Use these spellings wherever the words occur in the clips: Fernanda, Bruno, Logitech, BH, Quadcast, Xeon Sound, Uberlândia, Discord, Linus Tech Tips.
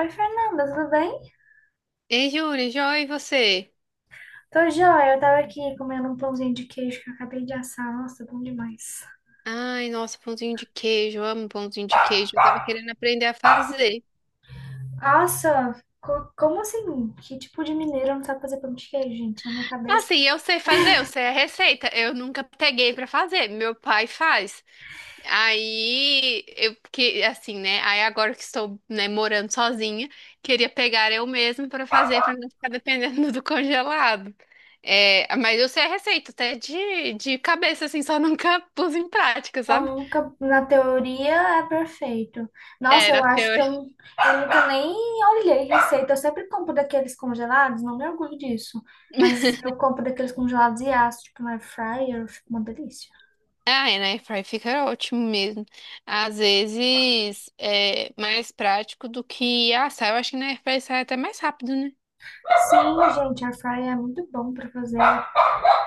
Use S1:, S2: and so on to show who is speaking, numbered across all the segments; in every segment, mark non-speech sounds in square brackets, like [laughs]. S1: Oi, Fernanda, tudo bem?
S2: Ei, Júlia, joia, e você?
S1: Tô joia, eu tava aqui comendo um pãozinho de queijo que eu acabei de assar. Nossa, bom demais.
S2: Ai, nossa, pãozinho de queijo, eu amo pãozinho de queijo. Eu tava querendo aprender a fazer.
S1: Nossa, como assim? Que tipo de mineiro não sabe fazer pão de queijo, gente? Na minha
S2: Ah,
S1: cabeça,
S2: sim, eu sei fazer, eu sei a receita. Eu nunca peguei pra fazer, meu pai faz. Aí, eu que assim, né? Aí agora que estou, né, morando sozinha, queria pegar eu mesma pra fazer, pra não ficar dependendo [laughs] do congelado. É, mas eu sei a receita, até de cabeça, assim, só nunca pus em prática,
S1: pão
S2: sabe?
S1: nunca, na teoria, é perfeito.
S2: É,
S1: Nossa, eu
S2: na
S1: acho que
S2: teoria.
S1: eu nunca nem olhei receita. Eu sempre compro daqueles congelados, não me orgulho disso. Mas eu compro daqueles congelados e asso, tipo, na air fryer, fica uma delícia.
S2: Ah, é, na airfryer fica ótimo mesmo. Às vezes é mais prático do que assar. Eu acho que na airfryer sai até mais rápido, né?
S1: Sim, gente, air fryer é muito bom pra fazer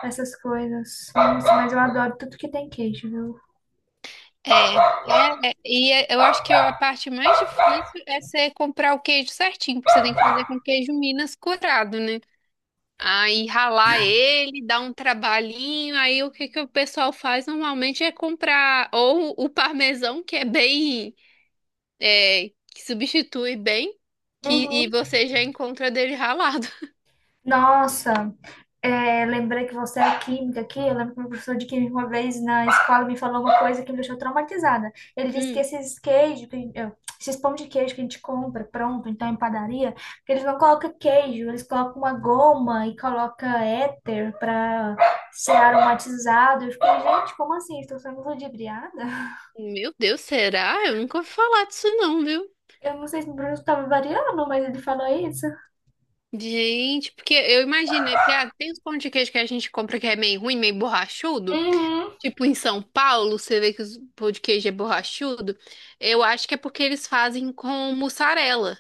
S1: essas coisas. Nossa, mas eu adoro tudo que tem queijo, viu?
S2: É, é, eu acho que a parte mais difícil é você comprar o queijo certinho, porque você tem que fazer com queijo Minas curado, né? Aí ralar ele, dá um trabalhinho. Aí o que que o pessoal faz normalmente é comprar ou o parmesão, que é bem, é, que substitui bem, que, e
S1: Uhum.
S2: você já encontra dele ralado.
S1: Nossa, é, lembrei que você é química aqui. Eu lembro que meu professor de química uma vez na escola me falou uma coisa que me deixou traumatizada. Ele disse que
S2: Hum,
S1: esses queijos, esses pão de queijo que a gente compra pronto, então em padaria, que eles não colocam queijo, eles colocam uma goma e colocam éter para ser aromatizado. Eu fiquei, gente, como assim? Estou sendo ludibriada?
S2: meu Deus, será? Eu nunca ouvi falar disso não, viu?
S1: Eu não sei se o Bruno estava variando, mas ele falou isso.
S2: Gente, porque eu imaginei, porque ah, tem os pão de queijo que a gente compra que é meio ruim, meio borrachudo.
S1: Uhum.
S2: Tipo em São Paulo, você vê que os pão de queijo é borrachudo. Eu acho que é porque eles fazem com mussarela,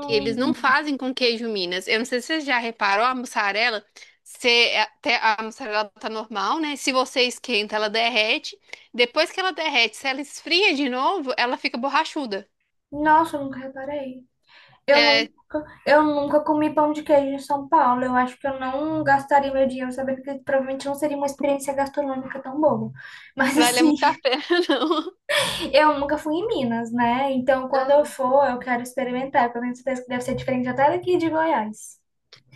S2: que eles não fazem com queijo Minas. Eu não sei se você já reparou, a mussarela, você, é, até a mussarela tá normal, né? Se você esquenta, ela derrete. Depois que ela derrete, se ela esfria de novo, ela fica borrachuda.
S1: nossa, eu nunca reparei.
S2: É,
S1: Eu nunca comi pão de queijo em São Paulo. Eu acho que eu não gastaria meu dinheiro sabendo que provavelmente não seria uma experiência gastronômica tão boa. Mas
S2: vale
S1: assim,
S2: muito a pena, [laughs] não.
S1: [laughs] eu nunca fui em Minas, né? Então, quando eu
S2: Aham.
S1: for, eu quero experimentar, porque eu tenho certeza que deve ser diferente até daqui de Goiás.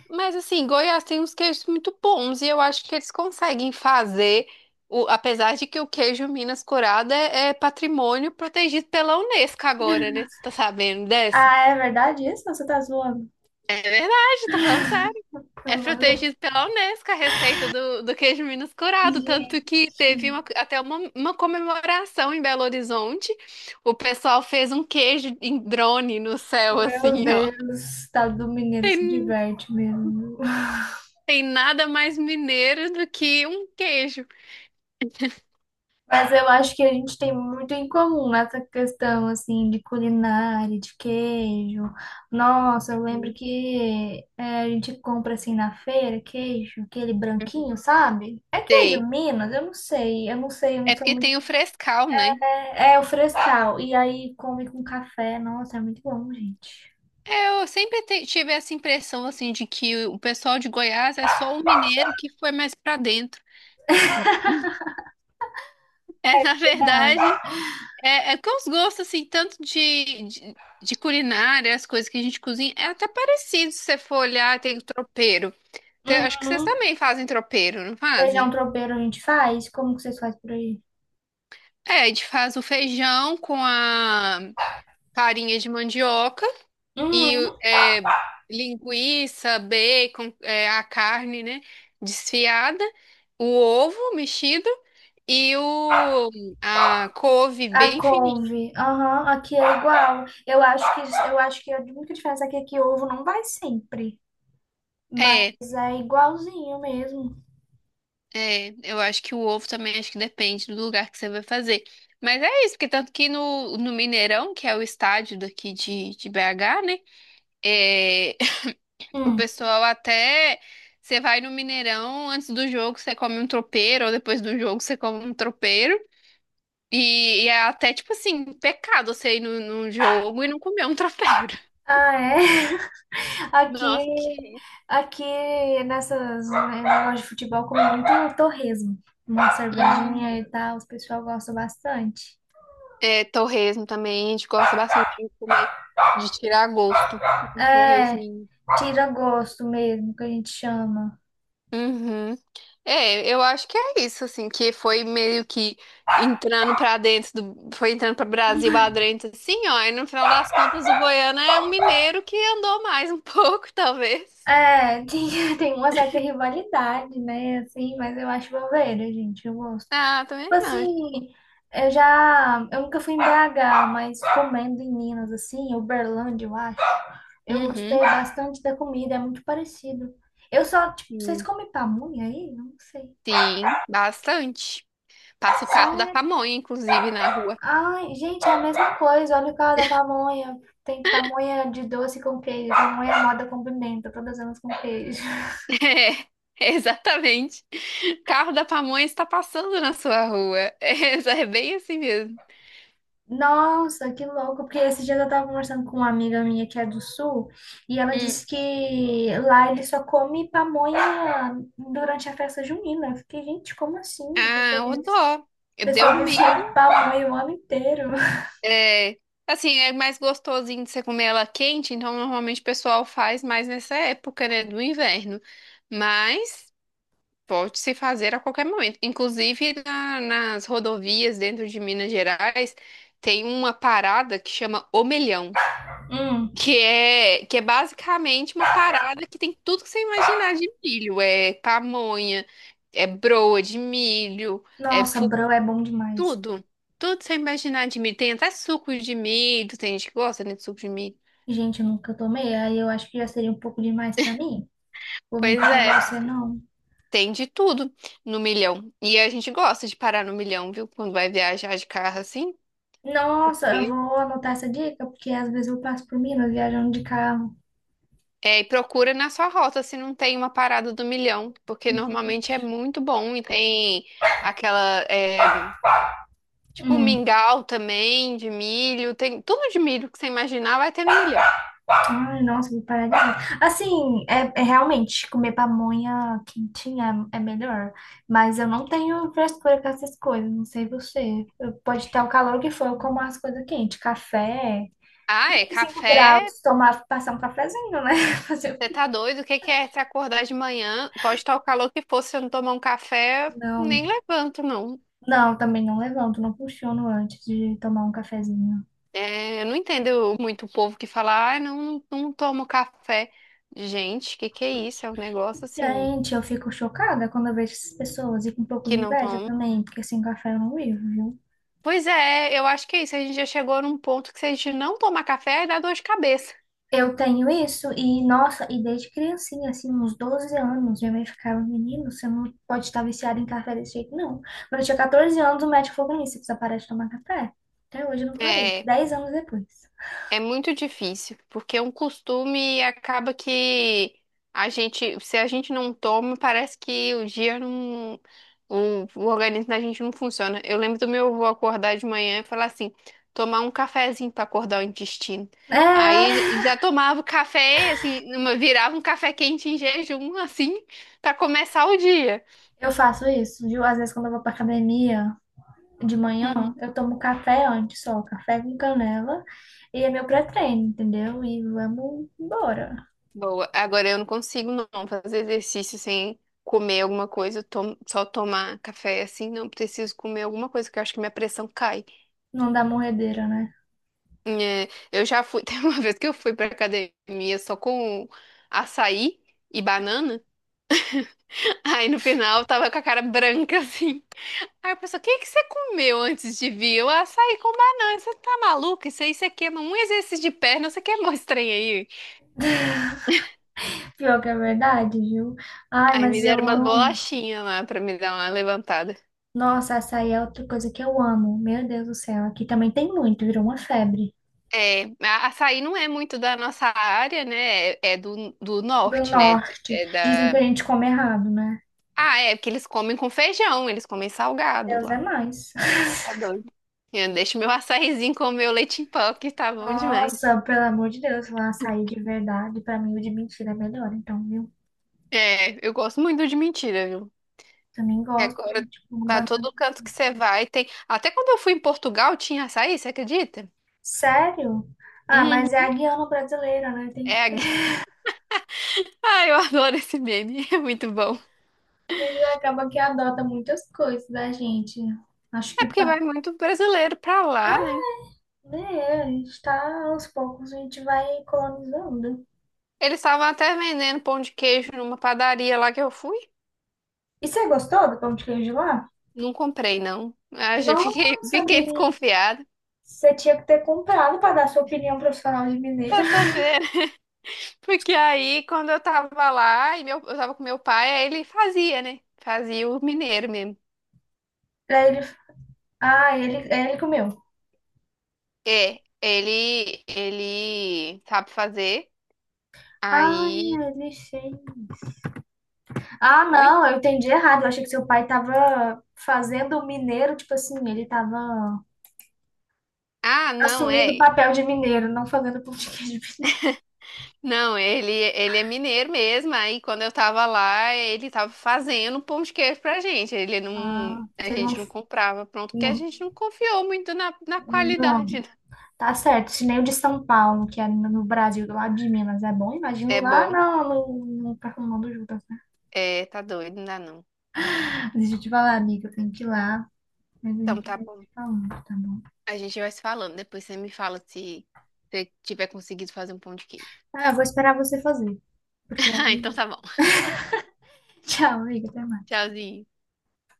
S2: Mas assim, Goiás tem uns queijos muito bons e eu acho que eles conseguem fazer, o, apesar de que o queijo Minas Curado é, é patrimônio protegido pela Unesco agora, né? Você tá sabendo dessa?
S1: Ah, é verdade isso? Ou você tá zoando?
S2: É verdade, tô falando sério. É
S1: Nada.
S2: protegido pela Unesco a receita do queijo Minas Curado, tanto que
S1: Gente,
S2: teve até uma comemoração em Belo Horizonte. O pessoal fez um queijo em drone no céu,
S1: meu
S2: assim, ó.
S1: Deus, o estado do Mineiro se
S2: Tem
S1: diverte mesmo.
S2: Tem nada mais mineiro do que um queijo.
S1: Mas eu acho que a gente tem muito em comum nessa questão, assim, de culinária, de queijo. Nossa, eu lembro
S2: Uhum.
S1: que é, a gente compra, assim, na feira, queijo, aquele
S2: Uhum.
S1: branquinho, sabe? É queijo
S2: Sei.
S1: Minas? Eu não sei, eu não sei, eu não
S2: É
S1: sou
S2: porque
S1: muito...
S2: tem o frescal, né?
S1: É, é o frescal. E aí come com café. Nossa, é muito bom, gente.
S2: É, eu sempre tive essa impressão, assim, de que o pessoal de Goiás é só o mineiro que foi mais pra dentro. É, na
S1: Verdade.
S2: verdade, é, é que os gostos, assim, tanto de culinária, as coisas que a gente cozinha, é até parecido se você for olhar, tem o tropeiro. Acho que vocês
S1: Uhum.
S2: também fazem tropeiro, não
S1: Feijão
S2: fazem?
S1: tropeiro a gente faz? Como que vocês fazem por aí?
S2: É, a gente faz o feijão com a farinha de mandioca. E
S1: Uhum.
S2: é, linguiça, bacon, é, a carne, né? Desfiada, o ovo mexido e o, a couve
S1: A
S2: bem fininha.
S1: couve, aham, aqui é igual. Eu acho que a única diferença aqui é que ovo não vai sempre,
S2: É,
S1: mas é igualzinho mesmo.
S2: é, eu acho que o ovo também acho que depende do lugar que você vai fazer. Mas é isso, porque tanto que no Mineirão, que é o estádio daqui de BH, né? É, [laughs] o
S1: Hum.
S2: pessoal até. Você vai no Mineirão, antes do jogo você come um tropeiro, ou depois do jogo você come um tropeiro. E é até, tipo assim, pecado você ir num jogo e não comer um [laughs] tropeiro.
S1: Ah, é? [laughs] Aqui,
S2: Nossa, que...
S1: aqui nessas né, negócio de futebol come muito torresmo, uma cervejinha
S2: Hum.
S1: e tal, os pessoal gosta bastante.
S2: É, torresmo também, a gente gosta bastante de comer, de tirar gosto. Um
S1: É,
S2: torresminho.
S1: tira gosto mesmo, que a gente chama.
S2: Uhum. É, eu acho que é isso, assim, que foi meio que entrando pra dentro do, foi entrando pra Brasil adentro, assim, ó, e no final das contas o Goiano é um mineiro que andou mais um [laughs] pouco, talvez.
S1: É, [laughs] tem, tem uma certa rivalidade, né, assim, mas eu acho bobeira, gente, eu gosto.
S2: Ah, também acho.
S1: Assim, eu já. Eu nunca fui em BH, mas comendo em Minas, assim, Uberlândia, eu acho. Eu gostei
S2: Uhum.
S1: bastante da comida, é muito parecido. Eu só, tipo, vocês
S2: Hum.
S1: comem pamonha aí? Não sei.
S2: Sim, bastante. Passa o carro da
S1: Sério?
S2: pamonha, inclusive, na rua.
S1: Ai, gente, é a mesma coisa. Olha o cara da pamonha. Tem pamonha de doce com queijo, pamonha moda com pimenta, todas elas com queijo.
S2: [laughs] É, exatamente. Carro da pamonha está passando na sua rua. É, é bem assim mesmo.
S1: Nossa, que louco, porque esse dia eu tava conversando com uma amiga minha que é do sul e ela
S2: Hum.
S1: disse que lá ele só come pamonha durante a festa junina. Eu fiquei, gente, como assim? A pessoa
S2: Ah, o
S1: vive, a
S2: dó. Deu
S1: pessoa vive sem
S2: milho.
S1: pamonha o ano inteiro. [laughs]
S2: É, assim, é mais gostosinho de você comer ela quente, então normalmente o pessoal faz mais nessa época, né, do inverno. Mas pode se fazer a qualquer momento. Inclusive nas rodovias dentro de Minas Gerais tem uma parada que chama Omelhão.
S1: Hum,
S2: Que é basicamente uma parada que tem tudo que você imaginar de milho. É pamonha, é broa de milho,
S1: nossa, bro, é bom demais.
S2: tudo. Tudo que você imaginar de milho. Tem até suco de milho, tem gente que gosta, né, de suco de milho.
S1: Gente, eu nunca tomei, aí eu acho que já seria um pouco demais pra mim. Vou mentir
S2: Pois
S1: pra
S2: é,
S1: você, não.
S2: tem de tudo no milhão. E a gente gosta de parar no milhão, viu? Quando vai viajar de carro assim.
S1: Nossa, eu
S2: Porque
S1: vou anotar essa dica, porque às vezes eu passo por Minas viajando de carro.
S2: é, e procura na sua rota se não tem uma parada do milhão, porque normalmente é muito bom e tem aquela é, tipo,
S1: Hum.
S2: mingau também, de milho. Tem tudo de milho que você imaginar vai ter no milhão.
S1: Ai, nossa, vou parar de comer. Assim, é, é realmente comer pamonha quentinha é, é melhor. Mas eu não tenho frescura com essas coisas, não sei você. Pode ter o calor que for, eu como as coisas quentes. Café,
S2: Ah, é
S1: 35
S2: café.
S1: graus, tomar, passar um cafezinho, né? [laughs] Fazer o
S2: Você
S1: quê?
S2: tá doido? O que que é se acordar de manhã? Pode estar o calor que for, se eu não tomar um café,
S1: Não,
S2: nem levanto, não.
S1: não, também não levanto, não funciono antes de tomar um cafezinho.
S2: É, eu não entendo muito o povo que fala, ah, não, não tomo café. Gente, que é isso? É um negócio assim
S1: Gente, eu fico chocada quando eu vejo essas pessoas e com um pouco de
S2: que não
S1: inveja
S2: tomo.
S1: também, porque sem café eu não vivo, viu?
S2: Pois é, eu acho que é isso. A gente já chegou num ponto que se a gente não tomar café, aí dá dor de cabeça.
S1: Eu tenho isso e, nossa, e desde criancinha, assim, uns 12 anos, minha mãe ficava, menino, você não pode estar viciado em café desse jeito, não. Quando eu tinha 14 anos, o médico falou pra mim, você precisa parar de tomar café. Até hoje eu não parei,
S2: É,
S1: dez anos depois.
S2: é muito difícil, porque é um costume e acaba que a gente, se a gente não toma, parece que o dia não, o organismo da gente não funciona. Eu lembro do meu avô acordar de manhã e falar assim, tomar um cafezinho para acordar o intestino. Aí
S1: É,
S2: já tomava o café, assim, virava um café quente em jejum, assim, para começar o dia.
S1: eu faço isso, viu? Às vezes quando eu vou pra academia de manhã, eu tomo café antes só, café com canela, e é meu pré-treino, entendeu? E vamos embora.
S2: Boa. Agora eu não consigo não fazer exercício sem comer alguma coisa, só tomar café assim, não preciso comer alguma coisa, que eu acho que minha pressão cai.
S1: Não dá morredeira, né?
S2: É, eu já fui, [laughs] tem uma vez que eu fui pra academia só com açaí e banana, [laughs] aí no final eu tava com a cara branca [laughs] assim. Aí eu pensei, o que que você comeu antes de vir? Eu açaí com banana, você tá maluca? Isso aí você queima um exercício de perna, você queimou esse trem aí.
S1: Pior que é verdade, viu? Ai,
S2: Aí me
S1: mas eu
S2: deram umas
S1: amo.
S2: bolachinhas lá pra me dar uma levantada.
S1: Nossa, açaí é outra coisa que eu amo. Meu Deus do céu, aqui também tem muito, virou uma febre.
S2: É, açaí não é muito da nossa área, né? É, é do
S1: Do
S2: norte, né?
S1: norte,
S2: É
S1: dizem que a
S2: da...
S1: gente come errado, né?
S2: Ah, é, porque eles comem com feijão, eles comem salgado
S1: Deus é
S2: lá.
S1: mais.
S2: Tá
S1: [laughs]
S2: doido. Eu deixo meu açaizinho com meu leite em pó, que tá bom demais.
S1: Nossa, pelo amor de Deus, lá açaí de verdade, pra mim o de mentira é melhor, então, viu?
S2: É, eu gosto muito de mentira, viu?
S1: Também
S2: E
S1: gosto,
S2: agora,
S1: gente, com
S2: pra
S1: banana.
S2: todo canto que você vai, tem. Até quando eu fui em Portugal, tinha açaí, você acredita?
S1: Sério? Ah, mas é
S2: Uhum.
S1: a guiana brasileira, né? Tem
S2: É,
S1: que
S2: [laughs] ai, eu adoro esse meme, [laughs] é muito bom.
S1: ele acaba que adota muitas coisas da gente. Acho
S2: É
S1: que
S2: porque
S1: pá,
S2: vai muito brasileiro pra lá, né?
S1: né, a gente tá aos poucos, a gente vai colonizando.
S2: Eles estavam até vendendo pão de queijo numa padaria lá que eu fui.
S1: E você gostou do pão de queijo lá?
S2: Não comprei, não. Ah, já [laughs] fiquei,
S1: Nossa,
S2: fiquei
S1: menina.
S2: desconfiada.
S1: Você tinha que ter comprado para dar sua opinião profissional de mineira.
S2: Quer
S1: [laughs]
S2: saber? [laughs] Porque aí, quando eu tava lá, e meu, eu tava com meu pai, aí ele fazia, né? Fazia o mineiro mesmo.
S1: Aí ele, ah, ele comeu.
S2: É, ele sabe fazer.
S1: Ah,
S2: Aí.
S1: ele sim. Ah,
S2: Oi?
S1: não, eu entendi errado. Eu achei que seu pai tava fazendo o mineiro, tipo assim, ele tava
S2: Ah, não,
S1: assumindo o
S2: é.
S1: papel de mineiro, não fazendo pão de queijo. [laughs]
S2: Não, ele é mineiro mesmo. Aí quando eu tava lá, ele tava fazendo um pão de queijo pra gente. Ele não,
S1: Ah,
S2: a
S1: você
S2: gente não comprava pronto, porque a
S1: não,
S2: gente não confiou muito na
S1: não.
S2: qualidade, né?
S1: Tá certo. Se nem o de São Paulo, que é no Brasil, do lado de Minas, é bom. Imagino
S2: É
S1: lá,
S2: bom,
S1: não, no, no, no, no, no,
S2: é, tá doido, não dá não.
S1: deixa eu te falar, amiga, eu tenho que ir lá, mas a
S2: Então
S1: gente
S2: tá
S1: vai
S2: bom.
S1: se falando, tá bom?
S2: A gente vai se falando. Depois você me fala se você tiver conseguido fazer um pão de queijo.
S1: Ah, eu vou esperar você fazer. Porque
S2: [laughs]
S1: aí
S2: Ah, então
S1: eu...
S2: tá bom.
S1: [laughs] Tchau, amiga, até mais.
S2: Tchauzinho.